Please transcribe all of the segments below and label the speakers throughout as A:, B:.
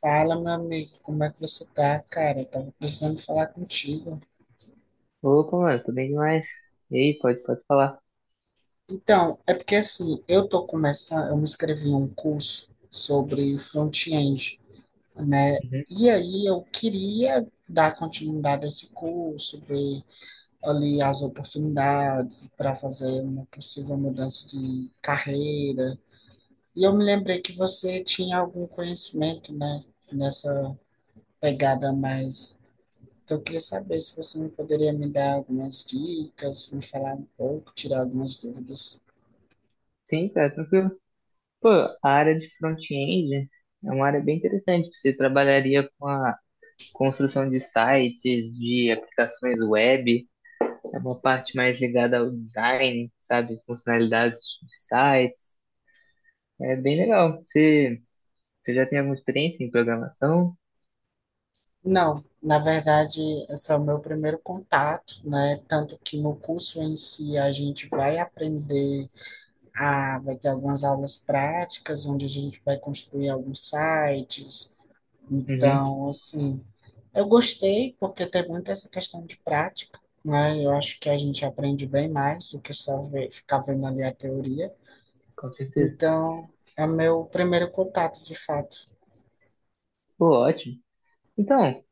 A: Fala, meu amigo, como é que você tá, cara? Eu tava precisando falar contigo.
B: Opa, mano, tô bem demais. E aí, pode falar.
A: Então, é porque assim, eu tô começando, eu me inscrevi em um curso sobre front-end, né?
B: Uhum.
A: E aí eu queria dar continuidade a esse curso, ver ali as oportunidades para fazer uma possível mudança de carreira. E eu me lembrei que você tinha algum conhecimento, né, nessa pegada mais. Então, eu queria saber se você não poderia me dar algumas dicas, me falar um pouco, tirar algumas dúvidas.
B: Sim, cara, tranquilo. Pô, a área de front-end é uma área bem interessante. Você trabalharia com a construção de sites, de aplicações web, é uma parte mais ligada ao design, sabe? Funcionalidades de sites. É bem legal. Você já tem alguma experiência em programação?
A: Não, na verdade, esse é o meu primeiro contato, né? Tanto que no curso em si a gente vai aprender a, vai ter algumas aulas práticas, onde a gente vai construir alguns sites.
B: Uhum.
A: Então, assim, eu gostei porque tem muito essa questão de prática, né? Eu acho que a gente aprende bem mais do que só ver, ficar vendo ali a teoria.
B: Com certeza.
A: Então, é meu primeiro contato, de fato.
B: Pô, ótimo. Então,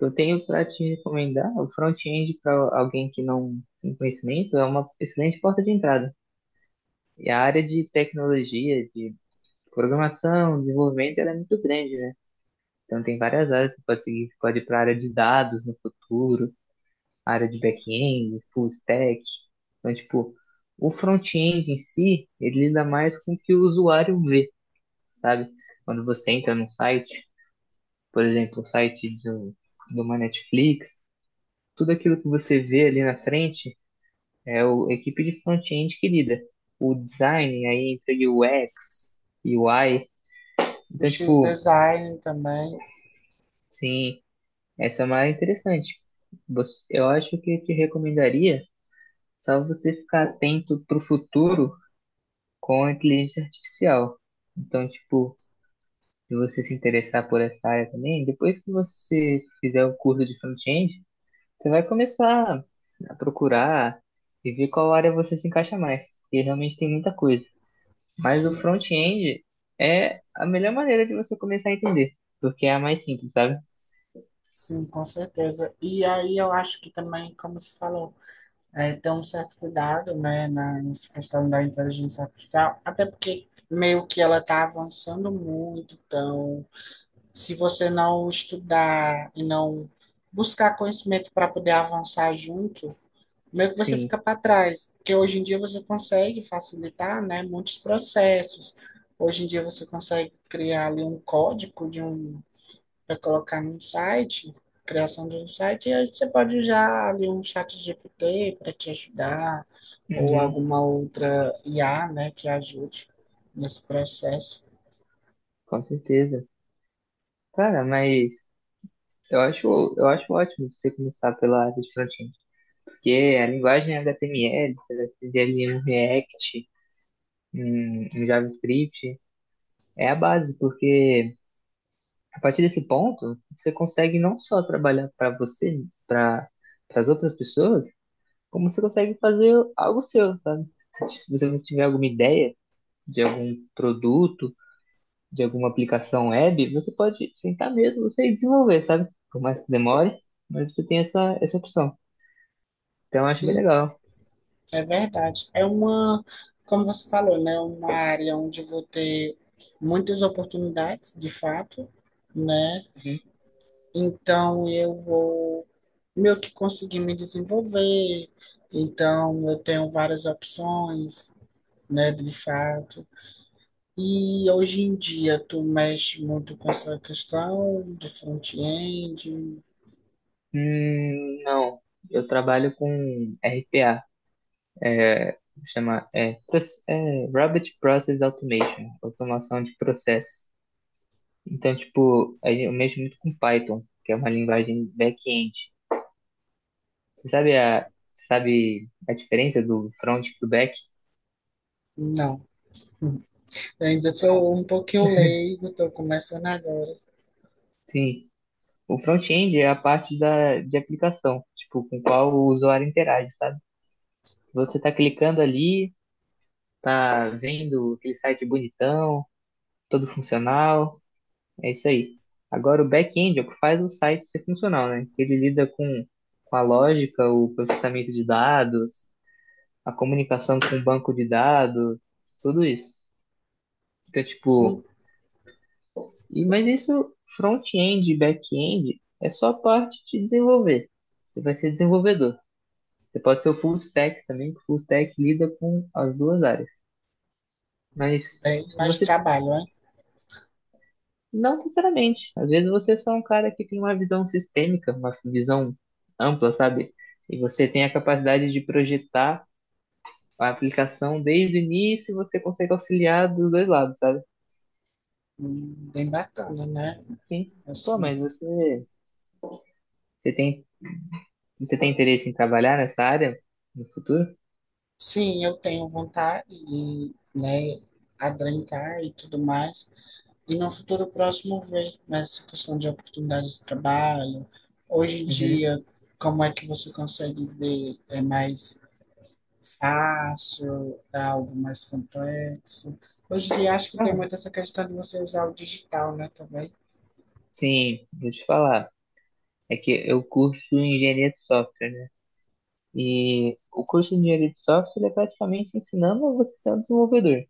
B: eu tenho para te recomendar o front-end para alguém que não tem conhecimento, é uma excelente porta de entrada. E a área de tecnologia, de programação, desenvolvimento, ela é muito grande, né? Então tem várias áreas que você pode seguir, você pode ir para a área de dados no futuro, área de back-end, full stack. Então, tipo, o front-end em si, ele lida mais com o que o usuário vê, sabe? Quando você entra num site, por exemplo, o site de, um- de uma Netflix, tudo aquilo que você vê ali na frente é a equipe de front-end que lida. O design aí entre o UX e o UI.
A: O
B: Então,
A: X
B: tipo,
A: Design também,
B: sim, essa é uma área interessante. Eu acho que eu te recomendaria só você ficar atento para o futuro com a inteligência artificial. Então, tipo, se você se interessar por essa área também, depois que você fizer o curso de front-end, você vai começar a procurar e ver qual área você se encaixa mais, porque realmente tem muita coisa. Mas o
A: sim,
B: front-end é a melhor maneira de você começar a entender, porque é a mais simples, sabe?
A: sim, com certeza. E aí eu acho que também, como se falou, é, ter um certo cuidado, né, nessa questão da inteligência artificial, até porque meio que ela está avançando muito, então, se você não estudar e não buscar conhecimento para poder avançar junto, meio que você fica
B: Sim.
A: para trás, porque hoje em dia você consegue facilitar, né, muitos processos. Hoje em dia você consegue criar ali um código de um para colocar num site, criação de um site, e aí você pode usar ali um chat GPT para te ajudar, ou
B: Uhum,
A: alguma outra IA, né, que ajude nesse processo.
B: com certeza. Cara, mas eu acho ótimo você começar pela área de front-end, porque a linguagem HTML, você vai fazer ali um React, um JavaScript, é a base, porque a partir desse ponto, você consegue não só trabalhar para você, para as outras pessoas, como você consegue fazer algo seu, sabe? Se você tiver alguma ideia de algum produto, de alguma aplicação web, você pode sentar mesmo, você e desenvolver, sabe? Por mais que demore, mas você tem essa opção. Então, eu acho bem
A: Sim,
B: legal.
A: é verdade. É uma, como você falou, né, uma área onde eu vou ter muitas oportunidades, de fato, né?
B: Uhum.
A: Então, eu vou meio que conseguir me desenvolver. Então, eu tenho várias opções, né, de fato. E hoje em dia, tu mexe muito com essa questão de front-end?
B: Não, eu trabalho com RPA, chama Robot Process Automation, automação de processos. Então, tipo, aí eu mexo muito com Python, que é uma linguagem back-end. Você sabe a, você sabe a diferença do front e do back?
A: Não. Eu ainda sou um pouquinho leigo, estou começando agora.
B: Sim, o front-end é a parte da, de aplicação, tipo, com qual o usuário interage, sabe? Você tá clicando ali, tá vendo aquele site bonitão, todo funcional, é isso aí. Agora, o back-end é o que faz o site ser funcional, né? Com a lógica, o processamento de dados, a comunicação com o banco de dados, tudo isso. Então,
A: Sim,
B: tipo, e, mas isso front-end e back-end é só parte de desenvolver. Você vai ser desenvolvedor. Você pode ser o full stack também, que o full stack lida com as duas áreas. Mas
A: bem,
B: se
A: mas
B: você
A: trabalho, né?
B: não necessariamente. Às vezes você é só um cara que tem uma visão sistêmica, uma visão ampla, sabe? E você tem a capacidade de projetar a aplicação desde o início e você consegue auxiliar dos dois lados, sabe?
A: Bem bacana, né?
B: Sim. Pô,
A: Assim,
B: mas você Você tem, você tem interesse em trabalhar nessa área no futuro?
A: sim, eu tenho vontade de, né, adentrar e tudo mais. E no futuro próximo ver nessa questão de oportunidades de trabalho. Hoje em
B: Uhum.
A: dia, como é que você consegue ver? É mais fácil, é algo mais complexo? Hoje em dia, acho que tem
B: Cara,
A: muito essa questão de você usar o digital, né, também.
B: sim, vou te falar. É que eu curso engenharia de software, né? E o curso de engenharia de software é praticamente ensinando você a ser um desenvolvedor.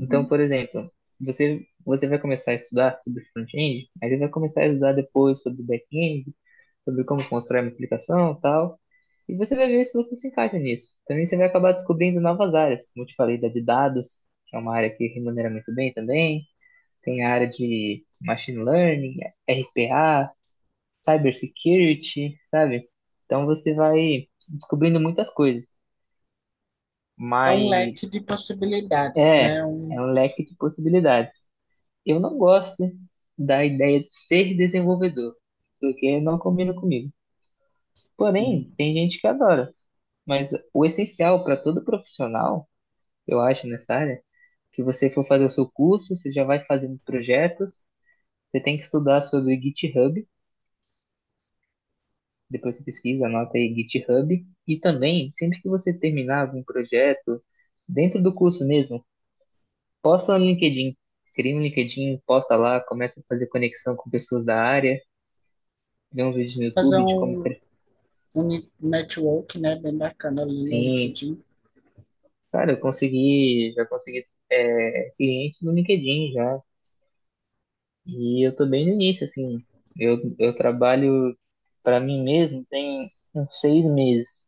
B: Então, por exemplo, você vai começar a estudar sobre front-end, aí você vai começar a estudar depois sobre back-end, sobre como constrói uma aplicação e tal. E você vai ver se você se encaixa nisso. Também você vai acabar descobrindo novas áreas, como eu te falei, da de dados, que é uma área que remunera muito bem também. Tem a área de machine learning, RPA, cybersecurity, sabe? Então você vai descobrindo muitas coisas,
A: É um leque
B: mas
A: de possibilidades,
B: é,
A: né? Um,
B: é um leque de possibilidades. Eu não gosto da ideia de ser desenvolvedor, porque não combina comigo. Porém,
A: uhum,
B: tem gente que adora, mas o essencial para todo profissional, eu acho, nessa área, que você for fazer o seu curso, você já vai fazendo projetos, você tem que estudar sobre GitHub. Depois você pesquisa, anota aí GitHub. E também, sempre que você terminar um projeto, dentro do curso mesmo, posta no LinkedIn. Cria um LinkedIn, posta lá, começa a fazer conexão com pessoas da área, vê uns vídeos no
A: fazer
B: YouTube de
A: um, um network, né, bem bacana ali no
B: Sim,
A: LinkedIn.
B: cara, já consegui é, cliente no LinkedIn já. E eu tô bem no início, assim. Eu trabalho para mim mesmo tem uns 6 meses.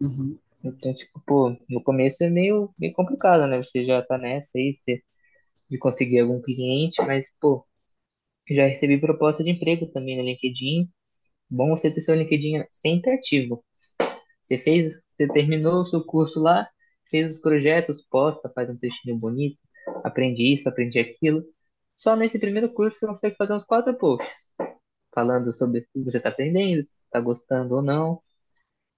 A: Uhum,
B: Então, tipo, pô, no começo é meio complicado, né? Você já tá nessa aí, você de conseguir algum cliente, mas, pô, já recebi proposta de emprego também no LinkedIn. Bom você ter seu LinkedIn sempre ativo. Você terminou o seu curso lá, fez os projetos, posta, faz um textinho bonito, aprendi isso, aprendi aquilo. Só nesse primeiro curso você consegue fazer uns 4 posts, falando sobre o que você está aprendendo, se está gostando ou não.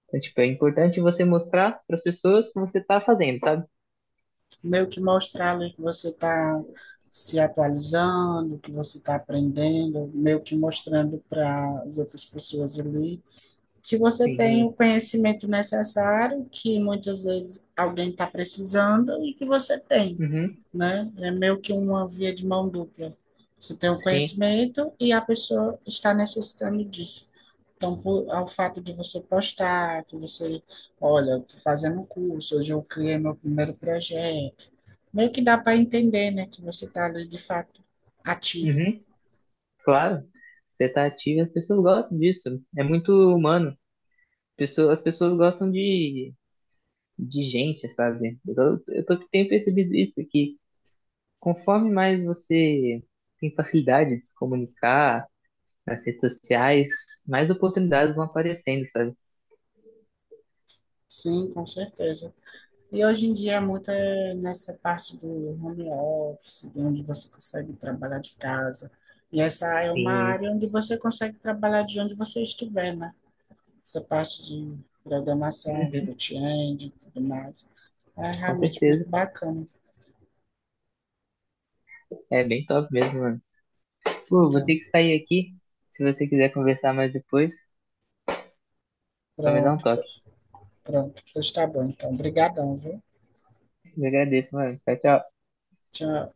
B: Então, tipo, é importante você mostrar para as pessoas o que você está fazendo, sabe?
A: meio que mostrar ali que você está se atualizando, que você está aprendendo, meio que mostrando para as outras pessoas ali que você tem
B: Sim,
A: o conhecimento necessário, que muitas vezes alguém está precisando e que você tem,
B: uhum,
A: né? É meio que uma via de mão dupla. Você tem o
B: sim,
A: conhecimento e a pessoa está necessitando disso. Então, por, ao fato de você postar, que você, olha, tô fazendo um curso, hoje eu criei meu primeiro projeto, meio que dá para entender, né, que você está ali de fato ativo.
B: uhum. Claro, você tá ativo e as pessoas gostam disso. É muito humano. As pessoas gostam de gente, sabe? Tenho percebido isso, que conforme mais você tem facilidade de se comunicar nas redes sociais, mais oportunidades vão aparecendo, sabe?
A: Sim, com certeza. E hoje em dia, é muito é nessa parte do home office, de onde você consegue trabalhar de casa. E essa é uma
B: Sim,
A: área onde você consegue trabalhar de onde você estiver, né? Essa parte de programação, front-end e tudo mais. É
B: com
A: realmente
B: certeza.
A: muito bacana.
B: É bem top mesmo, mano. Pô, vou
A: Então,
B: ter que sair aqui. Se você quiser conversar mais depois, só me dá um
A: pronto,
B: toque.
A: pronto, pois tá bom. Então, brigadão, viu?
B: Eu agradeço, mano. Tchau, tchau.
A: Tchau.